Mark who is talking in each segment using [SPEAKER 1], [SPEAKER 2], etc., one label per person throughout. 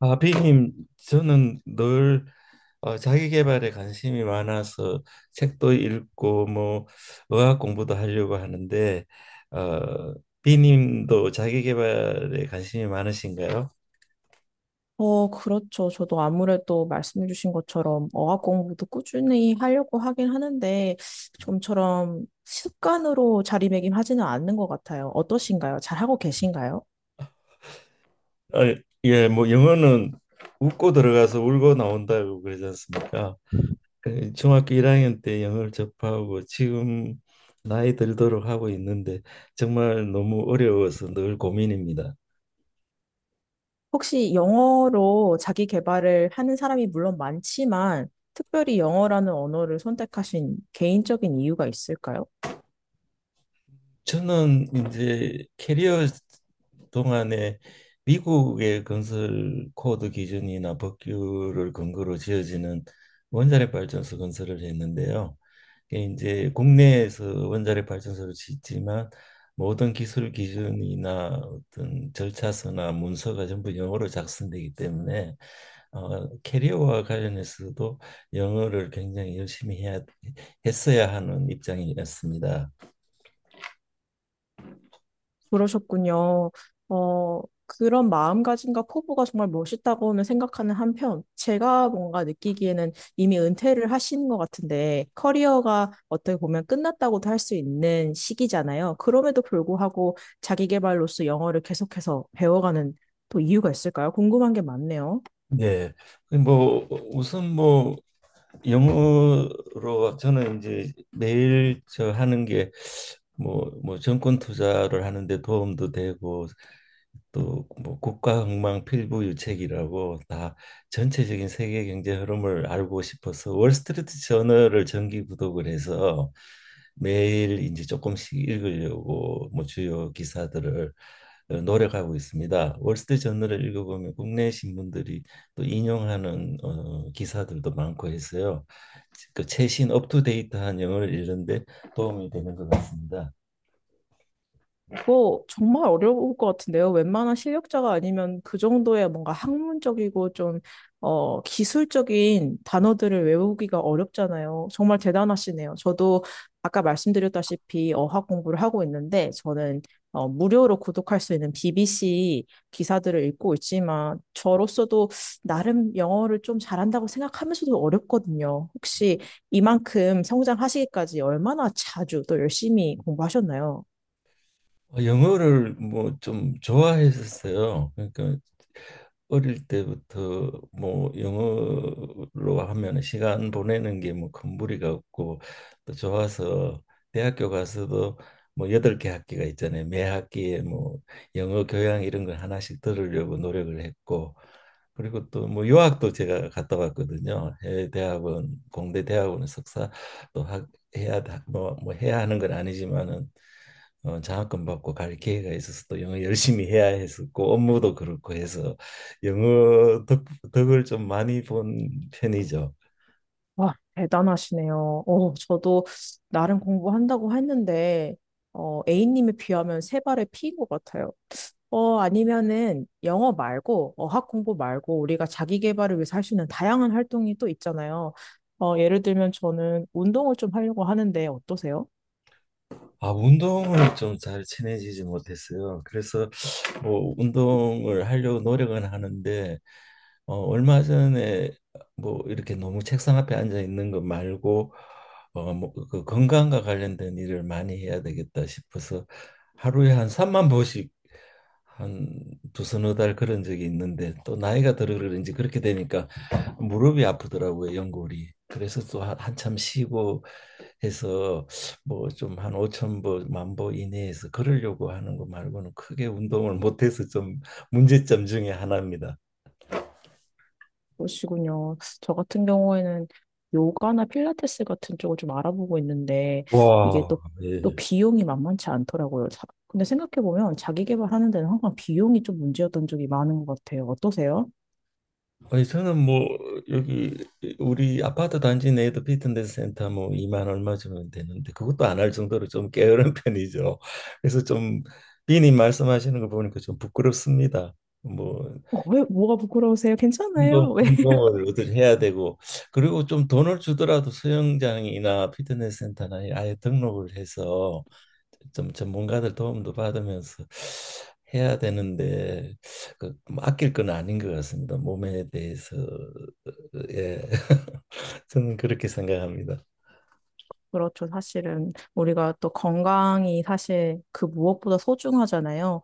[SPEAKER 1] 아, 비님, 저는 늘 자기계발에 관심이 많아서 책도 읽고 뭐 의학 공부도 하려고 하는데 어, 비님도 자기계발에 관심이 많으신가요?
[SPEAKER 2] 그렇죠. 저도 아무래도 말씀해주신 것처럼 어학 공부도 꾸준히 하려고 하긴 하는데, 좀처럼 습관으로 자리매김하지는 않는 것 같아요. 어떠신가요? 잘하고 계신가요?
[SPEAKER 1] 어, 예, 뭐 영어는 웃고 들어가서 울고 나온다고 그러지 않습니까? 그 중학교 1학년 때 영어를 접하고 지금 나이 들도록 하고 있는데 정말 너무 어려워서 늘 고민입니다.
[SPEAKER 2] 혹시 영어로 자기 개발을 하는 사람이 물론 많지만, 특별히 영어라는 언어를 선택하신 개인적인 이유가 있을까요?
[SPEAKER 1] 저는 이제 캐리어 동안에 미국의 건설 코드 기준이나 법규를 근거로 지어지는 원자력 발전소 건설을 했는데요. 이게 이제 국내에서 원자력 발전소를 짓지만 모든 기술 기준이나 어떤 절차서나 문서가 전부 영어로 작성되기 때문에 캐리어와 관련해서도 영어를 굉장히 열심히 해야 했어야 하는 입장이었습니다.
[SPEAKER 2] 그러셨군요. 그런 마음가짐과 포부가 정말 멋있다고는 생각하는 한편, 제가 뭔가 느끼기에는 이미 은퇴를 하시는 것 같은데, 커리어가 어떻게 보면 끝났다고도 할 수 있는 시기잖아요. 그럼에도 불구하고 자기 개발로서 영어를 계속해서 배워가는 또 이유가 있을까요? 궁금한 게 많네요.
[SPEAKER 1] 네. 그 뭐 우선 뭐 영어로 저는 이제 매일 저 하는 게 뭐 정권 투자를 하는데 도움도 되고 또 뭐 국가흥망 필부유책이라고 다 전체적인 세계 경제 흐름을 알고 싶어서 월스트리트 저널을 정기 구독을 해서 매일 이제 조금씩 읽으려고 뭐 주요 기사들을 노력하고 있습니다. 월스트리트 저널을 읽어보면 국내 신문들이 또 인용하는 기사들도 많고 해서요. 그 최신 업투데이트한 영어를 읽는데 도움이 되는 것 같습니다.
[SPEAKER 2] 뭐 정말 어려울 것 같은데요. 웬만한 실력자가 아니면 그 정도의 뭔가 학문적이고 좀 기술적인 단어들을 외우기가 어렵잖아요. 정말 대단하시네요. 저도 아까 말씀드렸다시피 어학 공부를 하고 있는데 저는 무료로 구독할 수 있는 BBC 기사들을 읽고 있지만 저로서도 나름 영어를 좀 잘한다고 생각하면서도 어렵거든요. 혹시 이만큼 성장하시기까지 얼마나 자주 또 열심히 공부하셨나요?
[SPEAKER 1] 영어를 뭐 좀 좋아했었어요. 그러니까 어릴 때부터 뭐 영어로 하면 시간 보내는 게 뭐 큰 무리가 없고 또 좋아서 대학교 가서도 뭐 여덟 개 학기가 있잖아요. 매 학기에 뭐 영어 교양 이런 걸 하나씩 들으려고 노력을 했고 그리고 또 뭐 유학도 제가 갔다 왔거든요. 해외 대학원, 공대 대학원 석사 또 학, 해야 뭐 해야 하는 건 아니지만은 장학금 받고 갈 기회가 있어서 또 영어 열심히 해야 했었고 업무도 그렇고 해서 영어 덕을 좀 많이 본 편이죠.
[SPEAKER 2] 와, 대단하시네요. 저도 나름 공부한다고 했는데, A님에 비하면 세 발의 피인 것 같아요. 아니면은 영어 말고, 어학 공부 말고, 우리가 자기 개발을 위해서 할 수 있는 다양한 활동이 또 있잖아요. 예를 들면 저는 운동을 좀 하려고 하는데 어떠세요?
[SPEAKER 1] 아, 운동을 좀 잘 친해지지 못했어요. 그래서 뭐 운동을 하려고 노력은 하는데 얼마 전에 뭐 이렇게 너무 책상 앞에 앉아 있는 것 말고 뭐그 건강과 관련된 일을 많이 해야 되겠다 싶어서 하루에 한 3만 보씩 한 두서너 달 그런 적이 있는데 또 나이가 들어 그런지 그렇게 되니까 무릎이 아프더라고요, 연골이. 그래서 또 한참 쉬고 해서 뭐 좀 한 5천 보, 만 보 이내에서 걸으려고 하는 거 말고는 크게 운동을 못해서 좀 문제점 중에 하나입니다.
[SPEAKER 2] 그러시군요. 저 같은 경우에는 요가나 필라테스 같은 쪽을 좀 알아보고 있는데 이게
[SPEAKER 1] 와,
[SPEAKER 2] 또,
[SPEAKER 1] 예.
[SPEAKER 2] 비용이 만만치 않더라고요. 근데 생각해보면 자기 개발하는 데는 항상 비용이 좀 문제였던 적이 많은 것 같아요. 어떠세요?
[SPEAKER 1] 아니, 저는 뭐, 여기, 우리 아파트 단지 내에도 피트니스 센터 뭐, 2만 얼마 주면 되는데, 그것도 안 할 정도로 좀 게으른 편이죠. 그래서 좀, 비님 말씀하시는 거 보니까 좀 부끄럽습니다. 뭐,
[SPEAKER 2] 왜, 뭐가 부끄러우세요? 괜찮아요? 왜?
[SPEAKER 1] 운동을 어떻게 해야 되고, 그리고 좀 돈을 주더라도 수영장이나 피트니스 센터나 아예 등록을 해서 좀 전문가들 도움도 받으면서 해야 되는데 그뭐 아낄 건 아닌 것 같습니다. 몸에 대해서 예 저는 그렇게 생각합니다.
[SPEAKER 2] 그렇죠. 사실은 우리가 또 건강이 사실 그 무엇보다 소중하잖아요.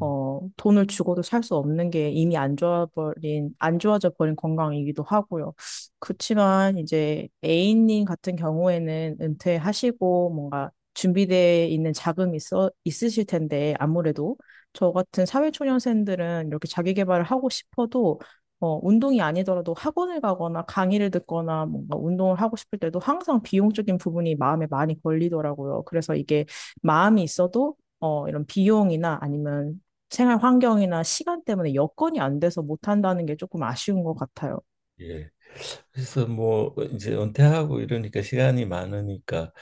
[SPEAKER 2] 돈을 주고도 살 수 없는 게 이미 안 좋아버린, 안 좋아져 버린 건강이기도 하고요. 그렇지만 이제 A님 같은 경우에는 은퇴하시고 뭔가 준비되어 있는 자금이 있으실 텐데 아무래도 저 같은 사회초년생들은 이렇게 자기 개발을 하고 싶어도 운동이 아니더라도 학원을 가거나 강의를 듣거나 뭔가 운동을 하고 싶을 때도 항상 비용적인 부분이 마음에 많이 걸리더라고요. 그래서 이게 마음이 있어도 이런 비용이나 아니면 생활 환경이나 시간 때문에 여건이 안 돼서 못 한다는 게 조금 아쉬운 것 같아요.
[SPEAKER 1] 예. 그래서 뭐 이제 은퇴하고 이러니까 시간이 많으니까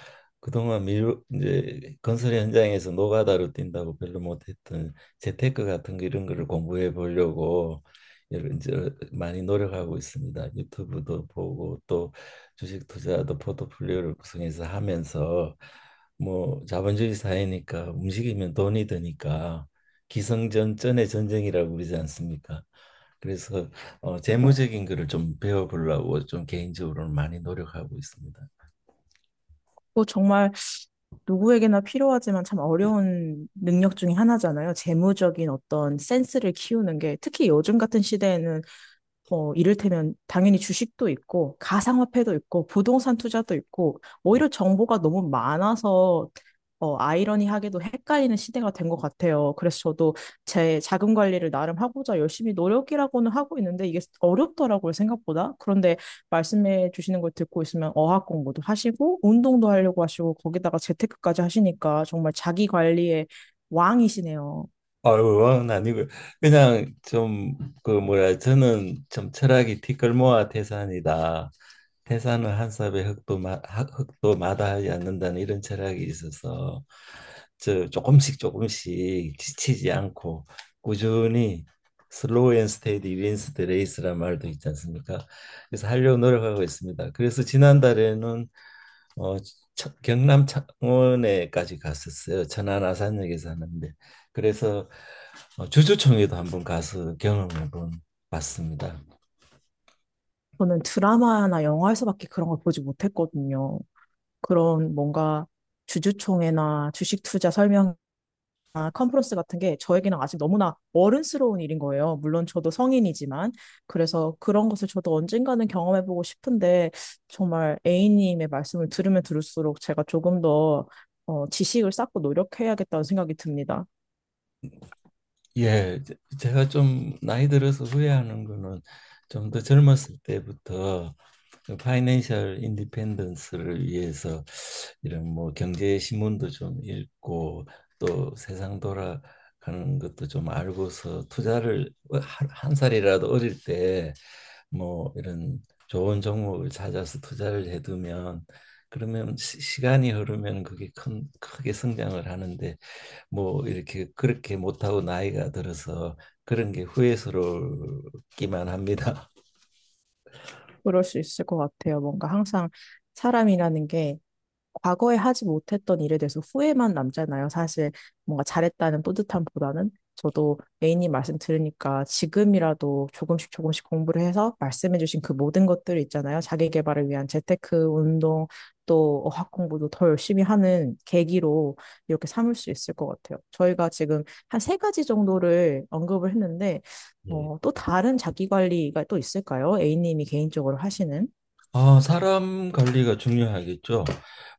[SPEAKER 1] 그동안 미루 이제 건설 현장에서 노가다로 뛴다고 별로 못했던 재테크 같은 거 이런 거를 공부해 보려고 여러 이제 많이 노력하고 있습니다. 유튜브도 보고 또 주식 투자도 포트폴리오를 구성해서 하면서 뭐 자본주의 사회니까 움직이면 돈이 드니까 기승전전의 전쟁이라고 그러지 않습니까? 그래서 재무적인 거를 좀 배워보려고 좀 개인적으로는 많이 노력하고 있습니다.
[SPEAKER 2] 또 정말 누구에게나 필요하지만 참 어려운 능력 중에 하나잖아요. 재무적인 어떤 센스를 키우는 게 특히 요즘 같은 시대에는 뭐 이를테면 당연히 주식도 있고 가상화폐도 있고 부동산 투자도 있고 오히려 정보가 너무 많아서 아이러니하게도 헷갈리는 시대가 된 것 같아요. 그래서 저도 제 자금 관리를 나름 하고자 열심히 노력이라고는 하고 있는데 이게 어렵더라고요, 생각보다. 그런데 말씀해 주시는 걸 듣고 있으면 어학 공부도 하시고 운동도 하려고 하시고 거기다가 재테크까지 하시니까 정말 자기 관리의 왕이시네요.
[SPEAKER 1] 아유, 아니고요. 그냥 좀 그 뭐야 저는 좀 철학이 티끌모아 태산이다. 태산은 한 삽의 흙도 흙도 마다하지 않는다는 이런 철학이 있어서 저 조금씩 조금씩 지치지 않고 꾸준히 슬로우 앤 스테디 윈스 더 레이스란 말도 있지 않습니까? 그래서 하려고 노력하고 있습니다. 그래서 지난달에는 어, 경남 창원에까지 갔었어요. 천안 아산역에 사는데 그래서 주주총회도 한번 가서 경험해 본 봤습니다.
[SPEAKER 2] 저는 드라마나 영화에서밖에 그런 걸 보지 못했거든요. 그런 뭔가 주주총회나 주식 투자 설명이나 컨퍼런스 같은 게 저에게는 아직 너무나 어른스러운 일인 거예요. 물론 저도 성인이지만. 그래서 그런 것을 저도 언젠가는 경험해보고 싶은데 정말 A님의 말씀을 들으면 들을수록 제가 조금 더 지식을 쌓고 노력해야겠다는 생각이 듭니다.
[SPEAKER 1] 예, 제- 제가 좀 나이 들어서 후회하는 거는 좀 더 젊었을 때부터 그 파이낸셜 인디펜던스를 위해서 이런 뭐 경제 신문도 좀 읽고 또 세상 돌아가는 것도 좀 알고서 투자를 한 살이라도 어릴 때 뭐 이런 좋은 종목을 찾아서 투자를 해두면 그러면 시간이 흐르면 그게 크게 성장을 하는데 뭐 이렇게 그렇게 못하고 나이가 들어서 그런 게 후회스럽기만 합니다.
[SPEAKER 2] 그럴 수 있을 것 같아요. 뭔가 항상 사람이라는 게 과거에 하지 못했던 일에 대해서 후회만 남잖아요. 사실 뭔가 잘했다는 뿌듯함보다는 저도 A님 말씀 들으니까 지금이라도 조금씩 조금씩 공부를 해서 말씀해주신 그 모든 것들 있잖아요. 자기 개발을 위한 재테크 운동 또 어학 공부도 더 열심히 하는 계기로 이렇게 삼을 수 있을 것 같아요. 저희가 지금 한 세 가지 정도를 언급을 했는데
[SPEAKER 1] 예.
[SPEAKER 2] 또 다른 자기 관리가 또 있을까요? A님이 개인적으로 하시는?
[SPEAKER 1] 아, 사람 관리가 중요하겠죠.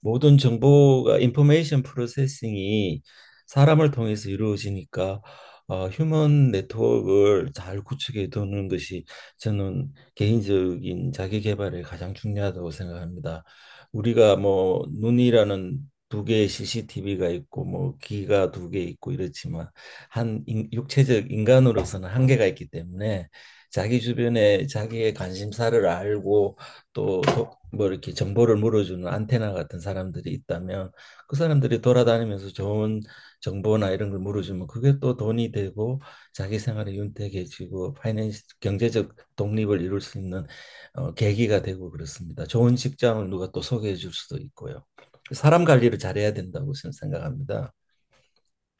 [SPEAKER 1] 모든 정보가 인포메이션 프로세싱이 사람을 통해서 이루어지니까 휴먼 네트워크를 잘 구축해 두는 것이 저는 개인적인 자기 개발에 가장 중요하다고 생각합니다. 우리가 뭐 눈이라는 두 개의 CCTV가 있고 뭐 귀가 두 개 있고 이렇지만 육체적 인간으로서는 한계가 있기 때문에 자기 주변에 자기의 관심사를 알고 또 뭐 이렇게 정보를 물어주는 안테나 같은 사람들이 있다면 그 사람들이 돌아다니면서 좋은 정보나 이런 걸 물어주면 그게 또 돈이 되고 자기 생활이 윤택해지고 파이낸스 경제적 독립을 이룰 수 있는 계기가 되고 그렇습니다. 좋은 직장을 누가 또 소개해 줄 수도 있고요. 사람 관리를 잘해야 된다고 저는 생각합니다.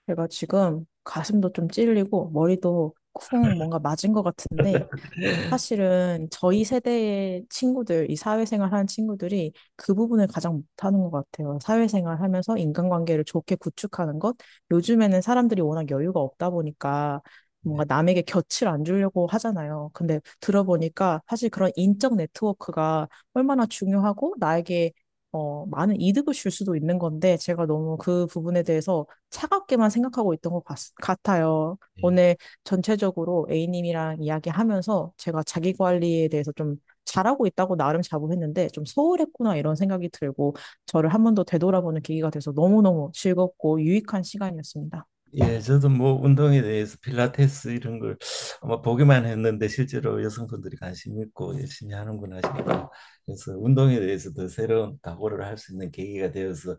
[SPEAKER 2] 제가 지금 가슴도 좀 찔리고 머리도 쿵 뭔가 맞은 것 같은데
[SPEAKER 1] 예,
[SPEAKER 2] 사실은 저희 세대의 친구들, 이 사회생활 하는 친구들이 그 부분을 가장 못하는 것 같아요. 사회생활 하면서 인간관계를 좋게 구축하는 것. 요즘에는 사람들이 워낙 여유가 없다 보니까 뭔가 남에게 곁을 안 주려고 하잖아요. 근데 들어보니까 사실 그런 인적 네트워크가 얼마나 중요하고 나에게 많은 이득을 줄 수도 있는 건데 제가 너무 그 부분에 대해서 차갑게만 생각하고 있던 것 같아요.
[SPEAKER 1] 예.
[SPEAKER 2] 오늘 전체적으로 A님이랑 이야기하면서 제가 자기 관리에 대해서 좀 잘하고 있다고 나름 자부했는데 좀 소홀했구나 이런 생각이 들고 저를 한 번 더 되돌아보는 계기가 돼서 너무너무 즐겁고 유익한 시간이었습니다.
[SPEAKER 1] 예, 저도 뭐 운동에 대해서 필라테스 이런 걸 아마 보기만 했는데 실제로 여성분들이 관심 있고 열심히 하는구나 싶어요. 그래서 운동에 대해서 더 새로운 각오를 할 수 있는 계기가 되어서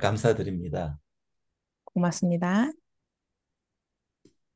[SPEAKER 1] 감사드립니다.
[SPEAKER 2] 고맙습니다.